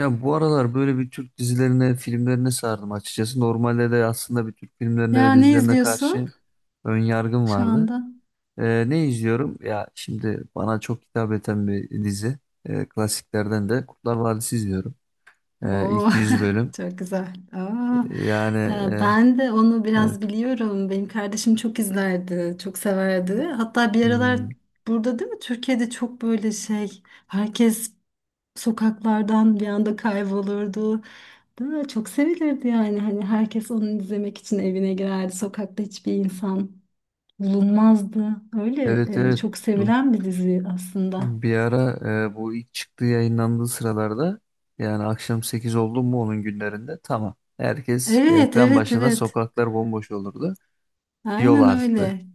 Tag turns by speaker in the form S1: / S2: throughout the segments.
S1: Ya bu aralar böyle bir Türk dizilerine, filmlerine sardım açıkçası. Normalde de aslında bir Türk filmlerine ve
S2: Ya ne
S1: dizilerine
S2: izliyorsun
S1: karşı ön yargım
S2: şu
S1: vardı.
S2: anda?
S1: Ne izliyorum? Ya şimdi bana çok hitap eden bir dizi. Klasiklerden de Kurtlar Vadisi izliyorum.
S2: Oo,
S1: İlk 100 bölüm.
S2: çok güzel. Aa,
S1: Yani,
S2: ya
S1: e,
S2: ben de onu
S1: evet.
S2: biraz biliyorum. Benim kardeşim çok izlerdi, çok severdi. Hatta bir aralar
S1: Hmm,
S2: burada değil mi? Türkiye'de çok böyle şey, herkes sokaklardan bir anda kaybolurdu. Değil mi? Çok sevilirdi yani. Hani herkes onu izlemek için evine girerdi. Sokakta hiçbir insan bulunmazdı. Öyle
S1: evet, evet.
S2: çok
S1: Du-
S2: sevilen bir dizi aslında.
S1: Bir ara, bu ilk çıktığı yayınlandığı sıralarda, yani akşam 8 oldu mu onun günlerinde, tamam. Herkes
S2: Evet,
S1: ekran
S2: evet,
S1: başında,
S2: evet.
S1: sokaklar bomboş olurdu. Yol
S2: Aynen
S1: arttı.
S2: öyle.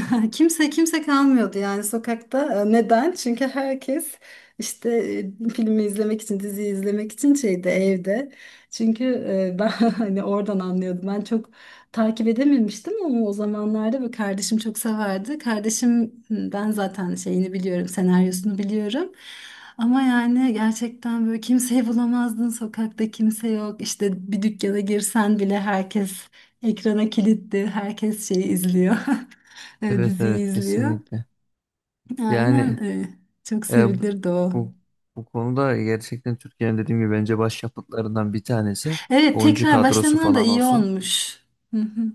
S2: Kimse kalmıyordu yani sokakta. E, neden? Çünkü herkes işte filmi izlemek için, diziyi izlemek için şeyde evde. Çünkü ben hani oradan anlıyordum. Ben çok takip edememiştim ama o zamanlarda böyle kardeşim çok severdi. Kardeşim ben zaten şeyini biliyorum, senaryosunu biliyorum. Ama yani gerçekten böyle kimseyi bulamazdın sokakta, kimse yok. İşte bir dükkana girsen bile herkes ekrana kilitli, herkes şeyi izliyor. E,
S1: Evet, evet,
S2: diziyi izliyor.
S1: kesinlikle.
S2: Aynen,
S1: Yani,
S2: çok
S1: e,
S2: sevilirdi o.
S1: bu bu konuda gerçekten Türkiye'nin, dediğim gibi, bence başyapıtlarından bir tanesi
S2: Evet,
S1: oyuncu
S2: tekrar
S1: kadrosu
S2: başlaman da
S1: falan
S2: iyi
S1: olsun.
S2: olmuş. Hı hı.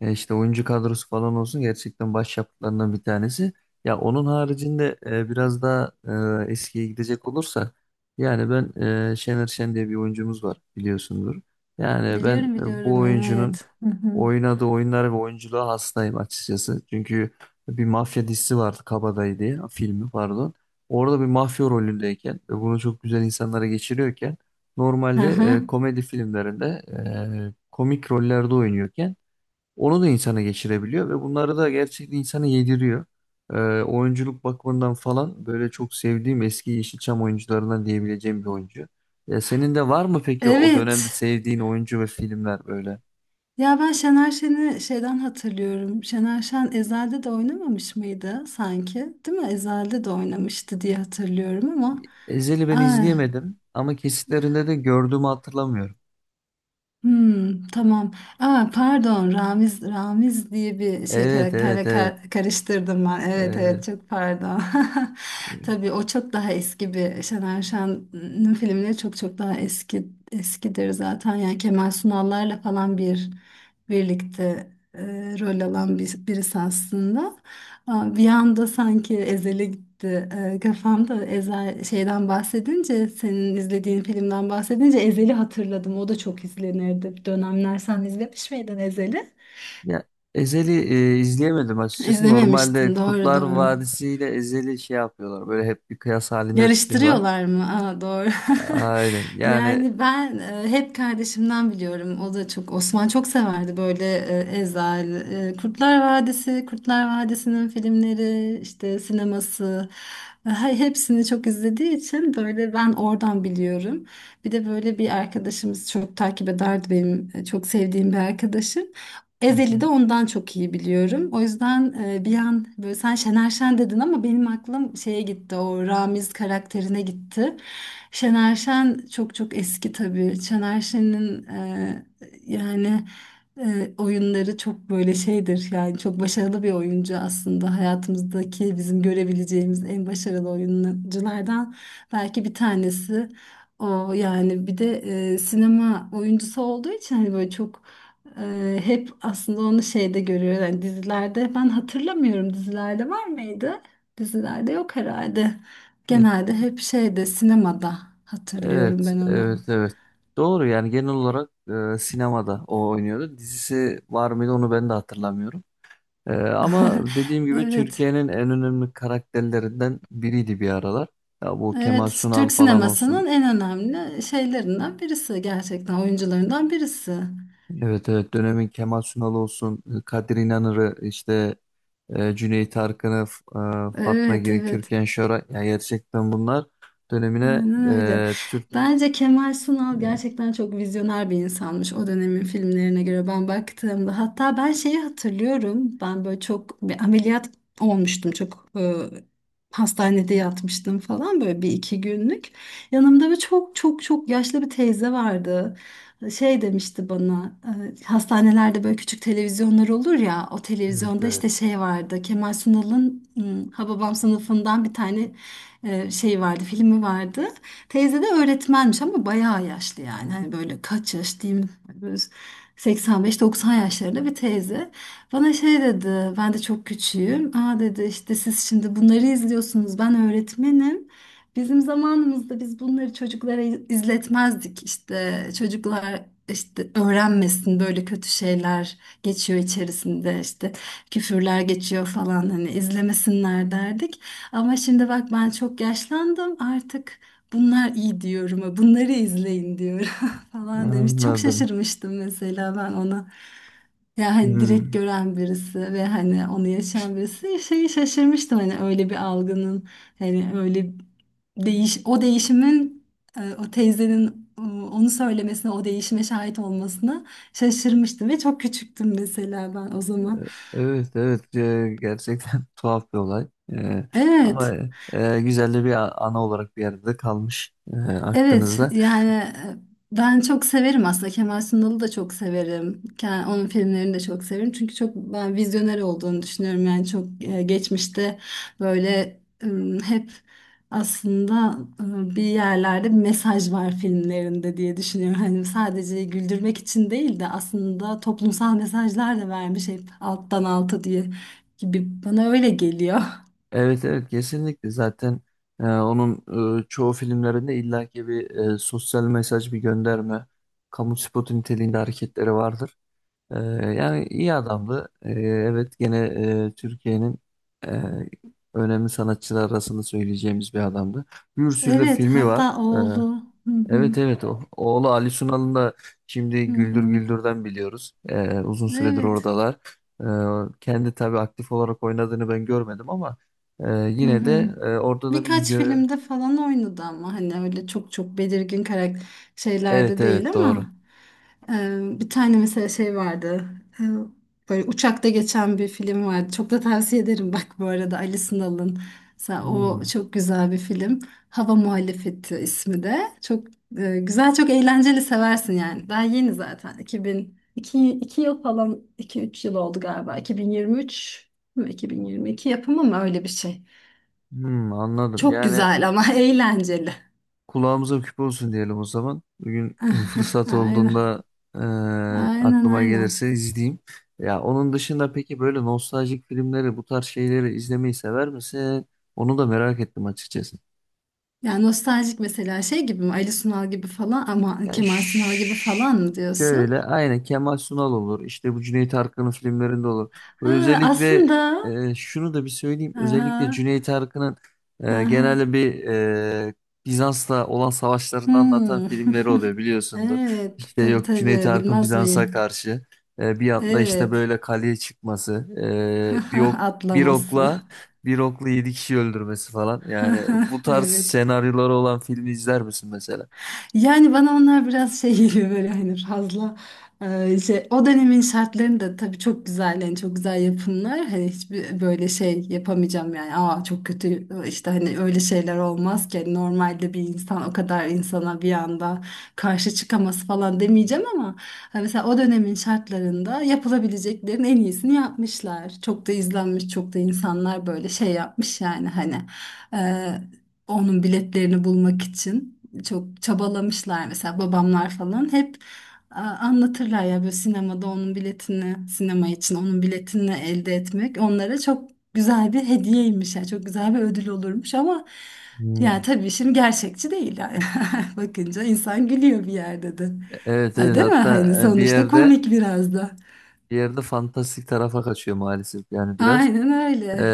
S1: İşte oyuncu kadrosu falan olsun, gerçekten başyapıtlarından bir tanesi. Ya onun haricinde, biraz daha eskiye gidecek olursa, yani ben, Şener Şen diye bir oyuncumuz var, biliyorsundur. Yani ben,
S2: Biliyorum
S1: bu
S2: biliyorum,
S1: oyuncunun
S2: evet. Hı hı.
S1: oynadığı oyunlara ve oyunculuğa hastayım açıkçası. Çünkü bir mafya dizisi vardı, Kabadayı diye, filmi pardon. Orada bir mafya rolündeyken ve bunu çok güzel insanlara geçiriyorken,
S2: Hı
S1: normalde,
S2: hı.
S1: komedi filmlerinde komik rollerde oynuyorken, onu da insana geçirebiliyor ve bunları da gerçekten insana yediriyor. Ee, Oyunculuk bakımından falan böyle çok sevdiğim eski Yeşilçam oyuncularından diyebileceğim bir oyuncu. Ya senin de var mı peki o dönemde
S2: Evet.
S1: sevdiğin oyuncu ve filmler böyle?
S2: Ya ben Şener Şen'i şeyden hatırlıyorum. Şener Şen Ezel'de de oynamamış mıydı sanki? Değil mi? Ezel'de de oynamıştı diye hatırlıyorum ama.
S1: Ezel'i ben
S2: Ay.
S1: izleyemedim ama kesitlerinde de gördüğümü hatırlamıyorum.
S2: Hmm, tamam. Aa, pardon, Ramiz diye bir şey,
S1: Evet, evet,
S2: karakterle
S1: evet.
S2: karıştırdım ben. Evet
S1: Evet.
S2: evet, çok pardon. Tabii o çok daha eski, bir Şener Şen'in filmleri çok çok daha eskidir zaten. Yani Kemal Sunal'larla falan birlikte rol alan birisi aslında. Ha, bir anda sanki Ezel'e gitti. Kafamda Ezel şeyden bahsedince, senin izlediğin filmden bahsedince Ezel'i hatırladım. O da çok izlenirdi bir dönemler. Sen izlemiş miydin Ezel'i?
S1: Ya Ezel'i, izleyemedim açıkçası.
S2: İzlememiştin,
S1: Normalde
S2: doğru
S1: Kurtlar
S2: doğru.
S1: Vadisi ile Ezel'i şey yapıyorlar. Böyle hep bir kıyas halinde tutuyorlar.
S2: Yarıştırıyorlar mı? Aa, doğru.
S1: Aynen. Yani.
S2: Yani ben hep kardeşimden biliyorum. O da çok, Osman çok severdi böyle, Ezel, Kurtlar Vadisi, Kurtlar Vadisi'nin filmleri, işte sineması. Hepsini çok izlediği için böyle ben oradan biliyorum. Bir de böyle bir arkadaşımız çok takip ederdi, benim çok sevdiğim bir arkadaşım.
S1: Hı
S2: Ezeli
S1: hı.
S2: de ondan çok iyi biliyorum. O yüzden bir an böyle, sen Şener Şen dedin ama benim aklım şeye gitti. O Ramiz karakterine gitti. Şener Şen çok çok eski tabii. Şener Şen'in, yani oyunları çok böyle şeydir. Yani çok başarılı bir oyuncu aslında. Hayatımızdaki bizim görebileceğimiz en başarılı oyunculardan belki bir tanesi. O yani bir de sinema oyuncusu olduğu için hani böyle çok, hep aslında onu şeyde görüyor. Yani dizilerde ben hatırlamıyorum, dizilerde var mıydı? Dizilerde yok herhalde.
S1: Ya.
S2: Genelde hep şeyde, sinemada hatırlıyorum
S1: Evet,
S2: ben onu.
S1: evet, evet. Doğru, yani genel olarak, sinemada o oynuyordu. Dizisi var mıydı onu ben de hatırlamıyorum. Ama dediğim gibi,
S2: Evet.
S1: Türkiye'nin en önemli karakterlerinden biriydi bir aralar. Ya bu Kemal
S2: Evet,
S1: Sunal
S2: Türk
S1: falan olsun.
S2: sinemasının en önemli şeylerinden birisi, gerçekten oyuncularından birisi.
S1: Evet, evet, dönemin Kemal Sunal olsun, Kadir İnanır'ı, işte, Cüneyt Arkın'ı, Fatma
S2: Evet,
S1: Girik,
S2: evet.
S1: Türkan Şoray. Ya gerçekten bunlar dönemine,
S2: Aynen öyle.
S1: Türk...
S2: Bence Kemal Sunal gerçekten çok vizyoner bir insanmış, o dönemin filmlerine göre ben baktığımda. Hatta ben şeyi hatırlıyorum. Ben böyle çok, bir ameliyat olmuştum. Çok hastanede yatmıştım falan, böyle bir iki günlük. Yanımda bir çok çok çok yaşlı bir teyze vardı. Şey demişti bana, hastanelerde böyle küçük televizyonlar olur ya, o
S1: Evet,
S2: televizyonda işte
S1: evet.
S2: şey vardı, Kemal Sunal'ın Hababam Sınıfı'ndan bir tane şey vardı, filmi vardı. Teyze de öğretmenmiş ama bayağı yaşlı yani. Hani böyle kaç yaş diyeyim, böyle 85-90 yaşlarında bir teyze. Bana şey dedi, ben de çok küçüğüm. Aa dedi, işte siz şimdi bunları izliyorsunuz, ben öğretmenim. Bizim zamanımızda biz bunları çocuklara izletmezdik, işte çocuklar işte öğrenmesin böyle kötü şeyler geçiyor içerisinde, işte küfürler geçiyor falan, hani izlemesinler derdik. Ama şimdi bak, ben çok yaşlandım artık, bunlar iyi diyorum. Bunları izleyin diyorum falan demiş. Çok
S1: Anladım.
S2: şaşırmıştım mesela ben ona. Ya hani direkt
S1: Hmm.
S2: gören birisi ve hani onu yaşayan birisi, şeyi şaşırmıştım, hani öyle bir algının, hani öyle o değişimin, o teyzenin, onu söylemesine, o değişime şahit olmasına şaşırmıştım ve çok küçüktüm mesela ben o zaman.
S1: Evet, evet, gerçekten tuhaf bir olay. Ama
S2: Evet.
S1: güzel de bir ana olarak bir yerde kalmış,
S2: Evet
S1: aklınızda.
S2: yani, ben çok severim aslında, Kemal Sunal'ı da çok severim. Onun filmlerini de çok severim. Çünkü çok, ben vizyoner olduğunu düşünüyorum. Yani çok, geçmişte böyle, e, hep aslında bir yerlerde bir mesaj var filmlerinde diye düşünüyorum. Hani sadece güldürmek için değil de aslında toplumsal mesajlar da vermiş hep alttan alta diye, gibi bana öyle geliyor.
S1: Evet, evet, kesinlikle, zaten onun çoğu filmlerinde illaki bir sosyal mesaj, bir gönderme, kamu spotu niteliğinde hareketleri vardır. E, Yani iyi adamdı. Evet, gene, Türkiye'nin e, önemli sanatçılar arasında söyleyeceğimiz bir adamdı. Bir sürü de
S2: Evet,
S1: filmi var.
S2: hatta oğlu. Hı
S1: Evet,
S2: hı.
S1: evet, oğlu Ali Sunal'ın da
S2: Hı
S1: şimdi Güldür
S2: hı.
S1: Güldür'den biliyoruz. Uzun süredir
S2: Evet.
S1: oradalar. Kendi tabii aktif olarak oynadığını ben görmedim ama,
S2: Hı
S1: yine
S2: hı.
S1: de orada da bir
S2: Birkaç
S1: yö...
S2: filmde falan oynadı ama hani öyle çok çok belirgin karakter
S1: Evet,
S2: şeylerde değil
S1: evet, doğru.
S2: ama, bir tane mesela şey vardı. E, böyle uçakta geçen bir film vardı. Çok da tavsiye ederim bak, bu arada, Ali Sınal'ın. Mesela o
S1: Hmm.
S2: çok güzel bir film. Hava Muhalefeti ismi de. Çok güzel, çok eğlenceli, seversin yani. Daha yeni zaten. 2000 2, 2 yıl falan, 2-3 yıl oldu galiba. 2023 mi 2022 yapımı mı, öyle bir şey.
S1: Hmm, anladım.
S2: Çok
S1: Yani
S2: güzel ama eğlenceli.
S1: kulağımıza küpe olsun diyelim o zaman. Bugün fırsat
S2: Aynen.
S1: olduğunda, e,
S2: Aynen
S1: aklıma
S2: aynen.
S1: gelirse izleyeyim. Ya onun dışında peki, böyle nostaljik filmleri, bu tarz şeyleri izlemeyi sever misin? Onu da merak ettim açıkçası.
S2: Yani nostaljik, mesela şey gibi mi? Ali Sunal gibi falan ama,
S1: Ya
S2: Kemal Sunal gibi falan mı diyorsun?
S1: şöyle, aynı Kemal Sunal olur. İşte bu Cüneyt Arkın'ın filmlerinde olur. Ve
S2: Ha,
S1: özellikle,
S2: aslında.
S1: şunu da bir söyleyeyim. Özellikle
S2: Aha,
S1: Cüneyt Arkın'ın
S2: aha.
S1: genelde bir, e, Bizans'la olan savaşlarını anlatan
S2: Hmm.
S1: filmleri oluyor, biliyorsundur.
S2: Evet.
S1: İşte
S2: Tabii
S1: yok, Cüneyt
S2: tabii.
S1: Arkın
S2: Bilmez
S1: Bizans'a
S2: miyim?
S1: karşı, bir atla işte
S2: Evet.
S1: böyle kaleye çıkması, e, bir ok bir
S2: Atlaması.
S1: okla bir okla yedi kişi öldürmesi falan. Yani bu tarz
S2: Evet.
S1: senaryoları olan filmi izler misin mesela?
S2: Yani bana onlar biraz şey geliyor böyle, hani fazla, şey, o dönemin şartlarını da tabii çok güzel, yani çok güzel yapımlar, hani hiçbir böyle şey yapamayacağım yani, aa çok kötü işte hani, öyle şeyler olmaz ki. Hani normalde bir insan o kadar insana bir anda karşı çıkaması falan demeyeceğim ama hani, mesela o dönemin şartlarında yapılabileceklerin en iyisini yapmışlar, çok da izlenmiş, çok da insanlar böyle şey yapmış yani, hani e, onun biletlerini bulmak için çok çabalamışlar. Mesela babamlar falan hep anlatırlar ya, böyle sinemada onun biletini, sinema için onun biletini elde etmek onlara çok güzel bir hediyeymiş, yani çok güzel bir ödül olurmuş, ama yani tabii şimdi gerçekçi değil yani, bakınca insan gülüyor bir yerde de.
S1: Evet,
S2: Ha,
S1: evet,
S2: değil mi, hani
S1: hatta bir
S2: sonuçta
S1: yerde
S2: komik biraz da,
S1: bir yerde fantastik tarafa kaçıyor maalesef, yani biraz.
S2: aynen
S1: Ee,
S2: öyle.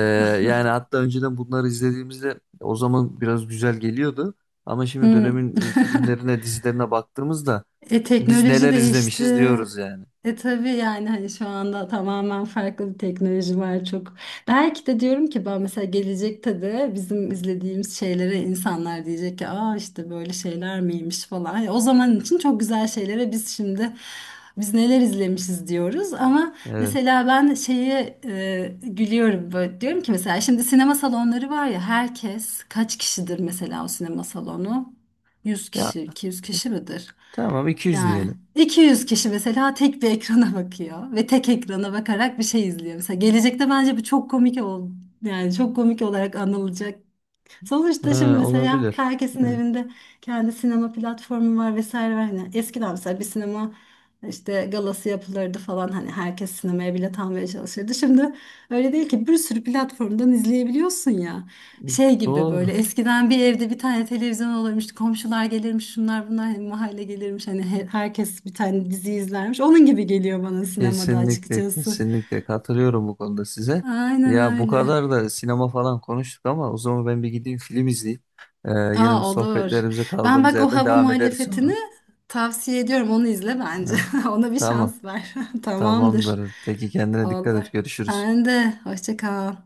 S1: Yani hatta önceden bunları izlediğimizde, o zaman biraz güzel geliyordu. Ama şimdi
S2: Hı.
S1: dönemin, filmlerine, dizilerine baktığımızda,
S2: E
S1: biz
S2: teknoloji
S1: neler izlemişiz
S2: değişti.
S1: diyoruz yani.
S2: E tabii yani, hani şu anda tamamen farklı bir teknoloji var çok. Belki de diyorum ki, ben mesela gelecekte de bizim izlediğimiz şeylere insanlar diyecek ki, aa işte böyle şeyler miymiş falan. Yani o zaman için çok güzel şeylere biz şimdi, biz neler izlemişiz diyoruz, ama
S1: Evet.
S2: mesela ben şeye gülüyorum, böyle diyorum ki mesela, şimdi sinema salonları var ya, herkes kaç kişidir mesela o sinema salonu? 100
S1: Ya
S2: kişi, 200 kişi midir?
S1: tamam, 200
S2: Yani
S1: diyelim.
S2: 200 kişi mesela tek bir ekrana bakıyor ve tek ekrana bakarak bir şey izliyor. Mesela gelecekte bence bu çok komik yani, çok komik olarak anılacak. Sonuçta şimdi
S1: Ha,
S2: mesela
S1: olabilir.
S2: herkesin
S1: Evet.
S2: evinde kendi sinema platformu var, vesaire var. Hani eskiden mesela bir sinema işte galası yapılırdı falan, hani herkes sinemaya bilet almaya çalışırdı. Şimdi öyle değil ki, bir sürü platformdan izleyebiliyorsun ya. Şey gibi,
S1: Doğru.
S2: böyle eskiden bir evde bir tane televizyon olurmuş, komşular gelirmiş, şunlar bunlar, hani mahalle gelirmiş. Hani herkes bir tane dizi izlermiş. Onun gibi geliyor bana sinemada
S1: Kesinlikle,
S2: açıkçası.
S1: kesinlikle katılıyorum bu konuda size.
S2: Aynen
S1: Ya bu
S2: öyle.
S1: kadar da sinema falan konuştuk, ama o zaman ben bir gideyim film izleyeyim. Ee, Yine bu
S2: Aa, olur.
S1: sohbetlerimize
S2: Ben
S1: kaldığımız
S2: bak o
S1: yerden
S2: Hava
S1: devam ederiz
S2: Muhalefeti'ni
S1: sonra.
S2: tavsiye ediyorum. Onu izle bence.
S1: Evet.
S2: Ona bir
S1: Tamam,
S2: şans ver. Tamamdır.
S1: tamamdır. Peki kendine dikkat
S2: Olur.
S1: et. Görüşürüz.
S2: Sen de. Hoşça kal.